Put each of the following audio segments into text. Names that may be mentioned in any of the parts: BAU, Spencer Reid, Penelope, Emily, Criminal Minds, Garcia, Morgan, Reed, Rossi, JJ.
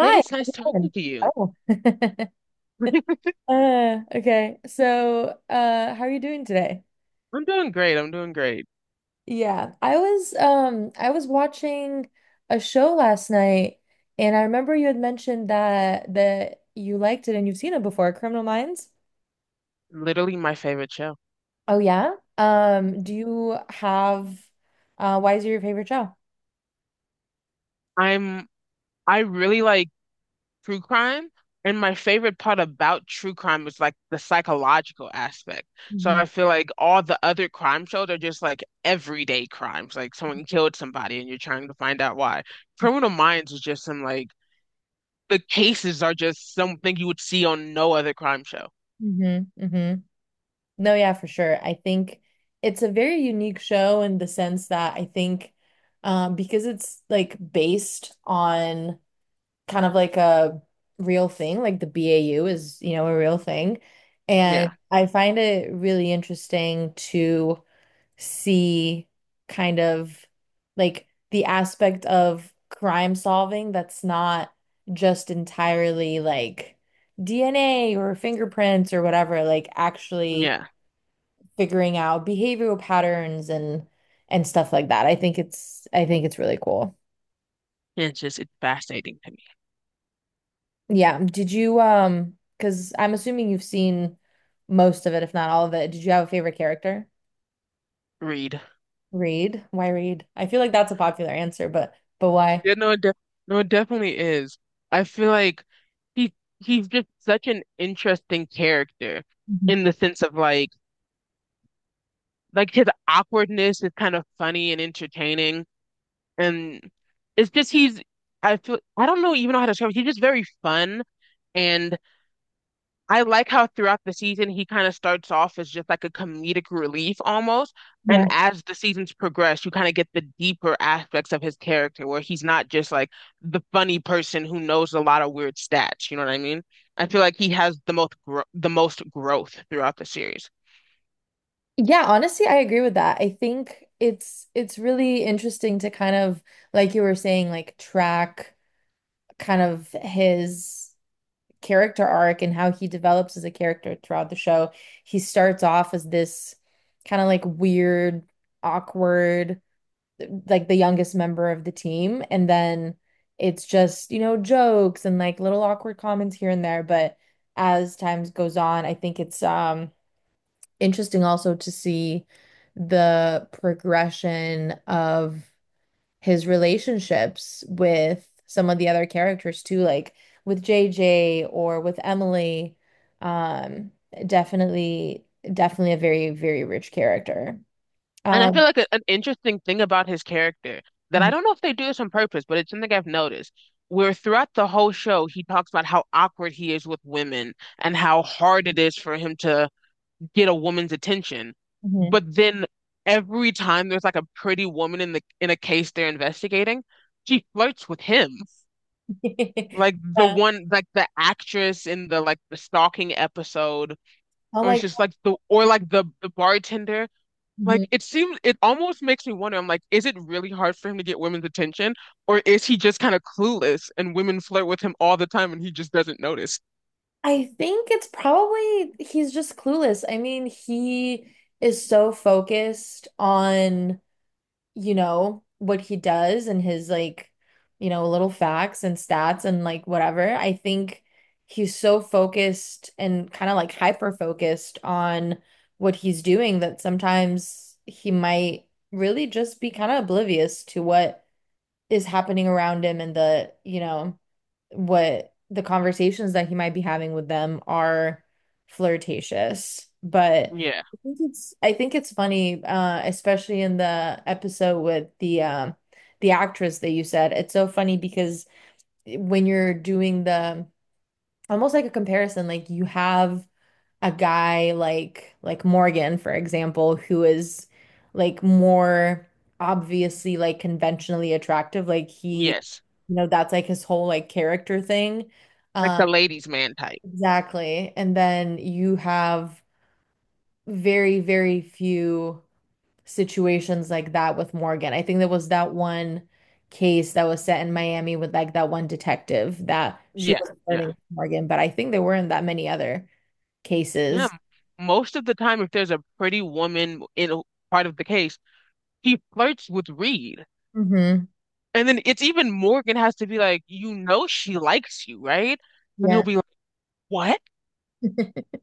Hey, it's how's nice it talking going? to you. Oh. Okay. So, how are you doing today? I'm doing great. I'm doing great. Yeah, I was watching a show last night, and I remember you had mentioned that you liked it and you've seen it before, Criminal Minds. Literally my favorite show. Oh yeah. Do you have why is it your favorite show? I'm I really like true crime, and my favorite part about true crime is like the psychological aspect. So Mm-hmm. I feel like all the other crime shows are just like everyday crimes, like someone killed somebody and you're trying to find out why. Criminal Minds is just some like the cases are just something you would see on no other crime show. Mm-hmm. No, yeah, for sure. I think it's a very unique show in the sense that I think because it's like based on kind of like a real thing, like the BAU is, you know, a real thing. And Yeah. I find it really interesting to see kind of like the aspect of crime solving that's not just entirely like DNA or fingerprints or whatever, like actually Yeah. figuring out behavioral patterns and stuff like that. I think it's really cool. It's fascinating to me. Yeah. Did you because I'm assuming you've seen most of it, if not all of it. Did you have a favorite character? Read. Reed. Why Reed? I feel like that's a popular answer, but why? Yeah, no, it de no, it definitely is. I feel like he he's just such an interesting character Mhm. in the sense of like his awkwardness is kind of funny and entertaining, and it's just he's I feel I don't know even know how to describe it. He's just very fun and I like how throughout the season he kind of starts off as just like a comedic relief almost. And Yeah. as the seasons progress, you kind of get the deeper aspects of his character where he's not just like the funny person who knows a lot of weird stats. You know what I mean? I feel like he has the most growth throughout the series. Yeah, honestly, I agree with that. I think it's really interesting to kind of, like you were saying, like track kind of his character arc and how he develops as a character throughout the show. He starts off as this kind of like weird, awkward, like the youngest member of the team. And then it's just, you know, jokes and like little awkward comments here and there. But as time goes on, I think it's interesting also to see the progression of his relationships with some of the other characters too, like with JJ or with Emily. Um, definitely, definitely a very, very rich character. And I feel Um, like an interesting thing about his character that I Mhm. don't know if they do this on purpose, but it's something I've noticed. Where throughout the whole show, he talks about how awkward he is with women and how hard it is for him to get a woman's attention. Mhm. But then every time there's like a pretty woman in a case they're investigating, she flirts with him. Like the Yeah. one like the actress in the like the stalking episode, Oh or it's my, just like the or like the bartender. mhm. Like it seems it almost makes me wonder, I'm like, is it really hard for him to get women's attention? Or is he just kind of clueless and women flirt with him all the time and he just doesn't notice? I think it's probably he's just clueless. I mean, he is so focused on, you know, what he does and his like, you know, little facts and stats and like whatever. I think he's so focused and kind of like hyper focused on what he's doing that sometimes he might really just be kind of oblivious to what is happening around him and the, you know, what the conversations that he might be having with them are flirtatious. But Yeah. I think it's funny, especially in the episode with the actress that you said. It's so funny because when you're doing the almost like a comparison, like you have a guy like Morgan, for example, who is like more obviously like conventionally attractive. Like he, Yes. you know, that's like his whole like character thing. Like Uh, the ladies' man type. exactly. And then you have very, very few situations like that with Morgan. I think there was that one case that was set in Miami with like that one detective that she Yeah. was Yeah. flirting with Morgan, but I think there weren't that many other Yeah, cases. most of the time, if there's a pretty woman in a part of the case, he flirts with Reed. Hmm. And then it's even Morgan has to be like, you know, she likes you, right? And he'll Yeah. be like, what?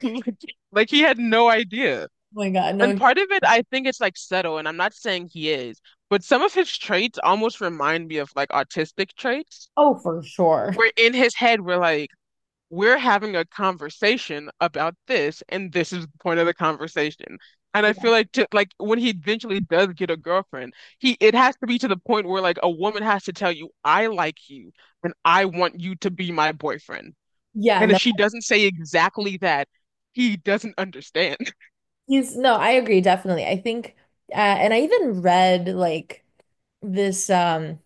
Like he had no idea. Oh my God, And no. part of it, I think it's like subtle, and I'm not saying he is, but some of his traits almost remind me of like autistic traits. Oh, for sure. Where in his head, we're like, we're having a conversation about this, and this is the point of the conversation. And I feel Yeah. like to, like when he eventually does get a girlfriend, he it has to be to the point where like a woman has to tell you, I like you and I want you to be my boyfriend. Yeah, And no, if she doesn't say exactly that, he doesn't understand. No, I agree, definitely. I think and I even read like this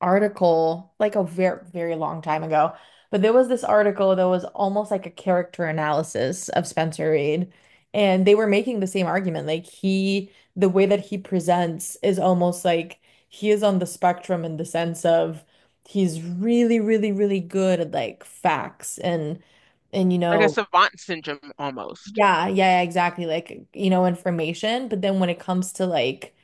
article like a very, very long time ago, but there was this article that was almost like a character analysis of Spencer Reid, and they were making the same argument. Like he the way that he presents is almost like he is on the spectrum in the sense of he's really, really, really good at like facts and you Like a know, savant syndrome almost. yeah, yeah, exactly. Like, you know, information, but then when it comes to like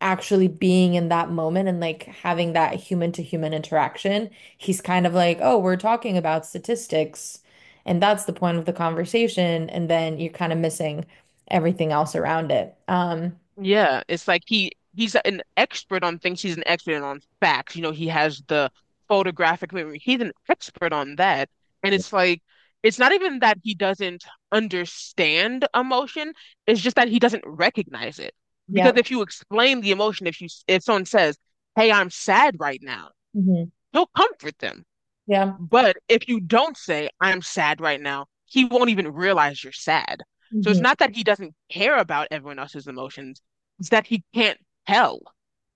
actually being in that moment and like having that human to human interaction, he's kind of like, "Oh, we're talking about statistics, and that's the point of the conversation." And then you're kind of missing everything else around it. Yeah, it's like he's an expert on things. He's an expert on facts. You know, he has the photographic memory. He's an expert on that. And it's like it's not even that he doesn't understand emotion. It's just that he doesn't recognize it. Yeah. Because if you explain the emotion, if someone says, "Hey, I'm sad right now," Hmm. he'll comfort them. Yeah. But if you don't say, I'm sad right now, he won't even realize you're sad. So it's Hmm. not that he doesn't care about everyone else's emotions, it's that he can't tell.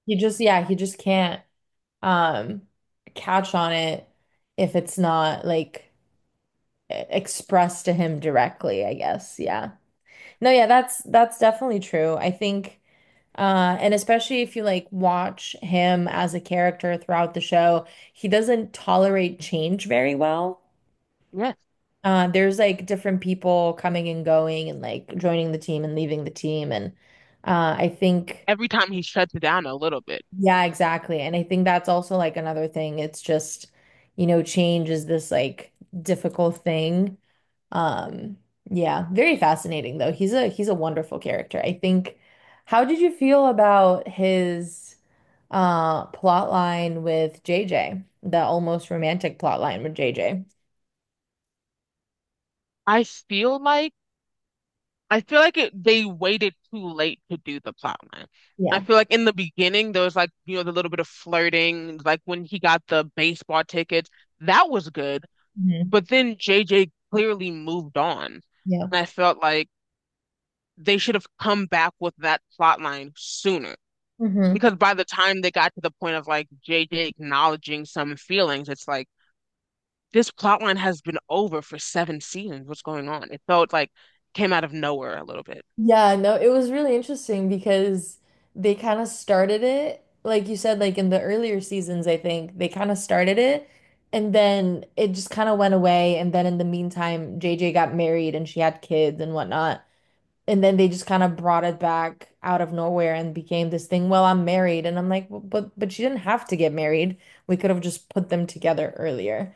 He just, yeah, he just can't um catch on it if it's not like expressed to him directly, I guess. Yeah. No, yeah, that's definitely true. I think and especially if you like watch him as a character throughout the show, he doesn't tolerate change very well. Yes. There's like different people coming and going and like joining the team and leaving the team, and I think Every time he shuts it down a little bit. yeah, exactly. And I think that's also like another thing. It's just, you know, change is this like difficult thing. Um, yeah, very fascinating though. He's a wonderful character. I think how did you feel about his plot line with JJ? The almost romantic plot line with JJ. I feel like I feel like they waited too late to do the plot line. I Yeah. feel like in the beginning there was like, the little bit of flirting, like when he got the baseball tickets, that was good. Hmm. But then JJ clearly moved on. Yeah. And I felt like they should have come back with that plot line sooner. Hmm. Because by the time they got to the point of like JJ acknowledging some feelings, it's like this plot line has been over for seven seasons. What's going on? It felt like came out of nowhere a little bit. Yeah, no, it was really interesting because they kind of started it, like you said, like in the earlier seasons, I think they kind of started it, and then it just kind of went away. And then in the meantime, JJ got married and she had kids and whatnot. And then they just kind of brought it back out of nowhere and became this thing. Well, I'm married, and I'm like, well, but she didn't have to get married. We could have just put them together earlier.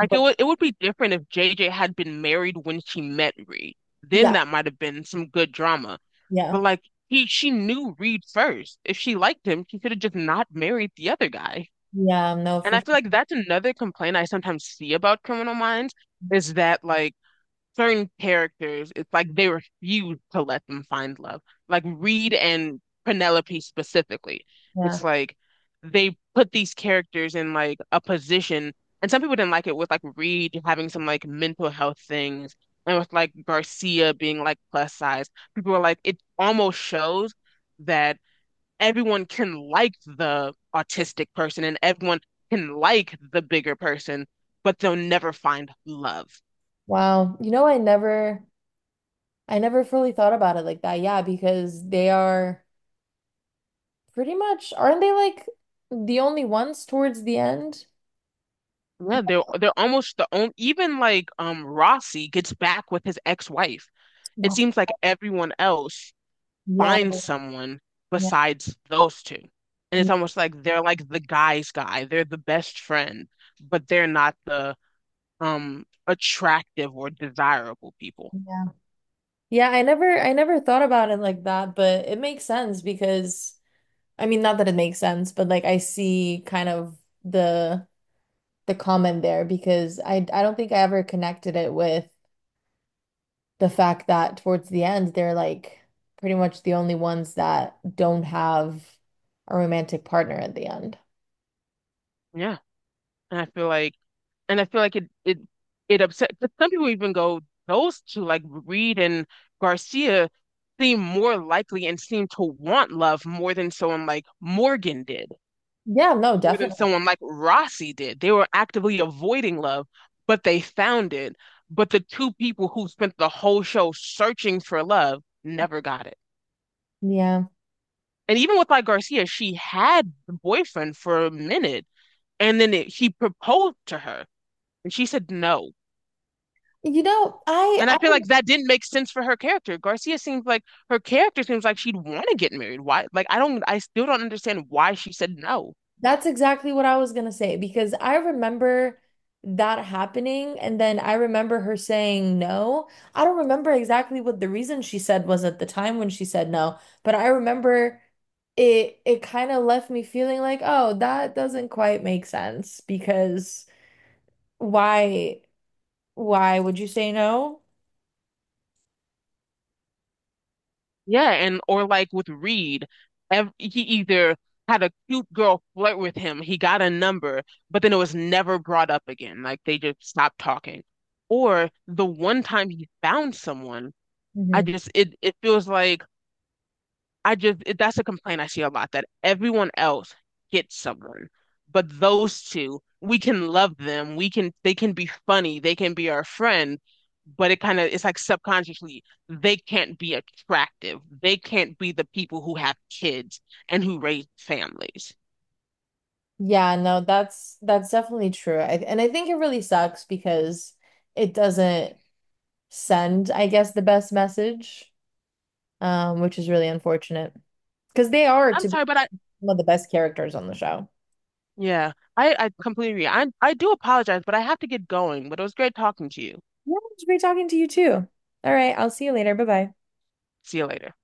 Like it would it would be different if JJ had been married when she met Reed. Then yeah, that might have been some good drama. yeah, But like he she knew Reed first. If she liked him, she could have just not married the other guy. yeah. No, And for I sure. feel like that's another complaint I sometimes see about Criminal Minds is that like certain characters, it's like they refuse to let them find love. Like Reed and Penelope specifically. Yeah. It's like they put these characters in like a position, and some people didn't like it with like Reed having some like mental health things and with like Garcia being like plus size. People were like, it almost shows that everyone can like the autistic person and everyone can like the bigger person, but they'll never find love. Wow. I never fully thought about it like that. Yeah, because they are pretty much, aren't they, like the only ones towards the end? Yeah, they're almost the only even like Rossi gets back with his ex-wife. It Yeah. seems like everyone else Yeah. finds someone Yeah. besides those two. And it's almost like they're like the guy's guy. They're the best friend, but they're not the attractive or desirable people. Yeah. I never thought about it like that, but it makes sense because I mean, not that it makes sense, but like I see kind of the the comment there because I don't think I ever connected it with the fact that towards the end, they're like pretty much the only ones that don't have a romantic partner at the end. Yeah. And I feel like and I feel like it it upset. But some people even go those two, like Reed and Garcia, seem more likely and seem to want love more than someone like Morgan did, Yeah, no, more than definitely. someone like Rossi did. They were actively avoiding love, but they found it. But the two people who spent the whole show searching for love never got it. Yeah. And even with like Garcia, she had the boyfriend for a minute, and then he proposed to her, and she said no. You know, I And I feel like that didn't make sense for her character. Garcia seems like her character seems like she'd want to get married. Why? Like I still don't understand why she said no. that's exactly what I was gonna say because I remember that happening, and then I remember her saying no. I don't remember exactly what the reason she said was at the time when she said no, but I remember it kind of left me feeling like, oh, that doesn't quite make sense because why why would you say no? Yeah, and or like with Reed, ev he either had a cute girl flirt with him, he got a number, but then it was never brought up again. Like they just stopped talking. Or the one time he found someone, I Hmm. just it it feels like I just it, that's a complaint I see a lot that everyone else gets someone, but those two, we can love them. We can they can be funny, they can be our friend, but it kind of it's like subconsciously they can't be attractive. They can't be the people who have kids and who raise families. Yeah, no, that's definitely true. I, and I think it really sucks because it doesn't send, I guess, the best message. Um, which is really unfortunate because they are I'm to be sorry, but I one of the best characters on the show. yeah, I completely agree. I do apologize, but I have to get going. But it was great talking to you. Yeah, it's great talking to you too. All right, I'll see you later. Bye bye. See you later.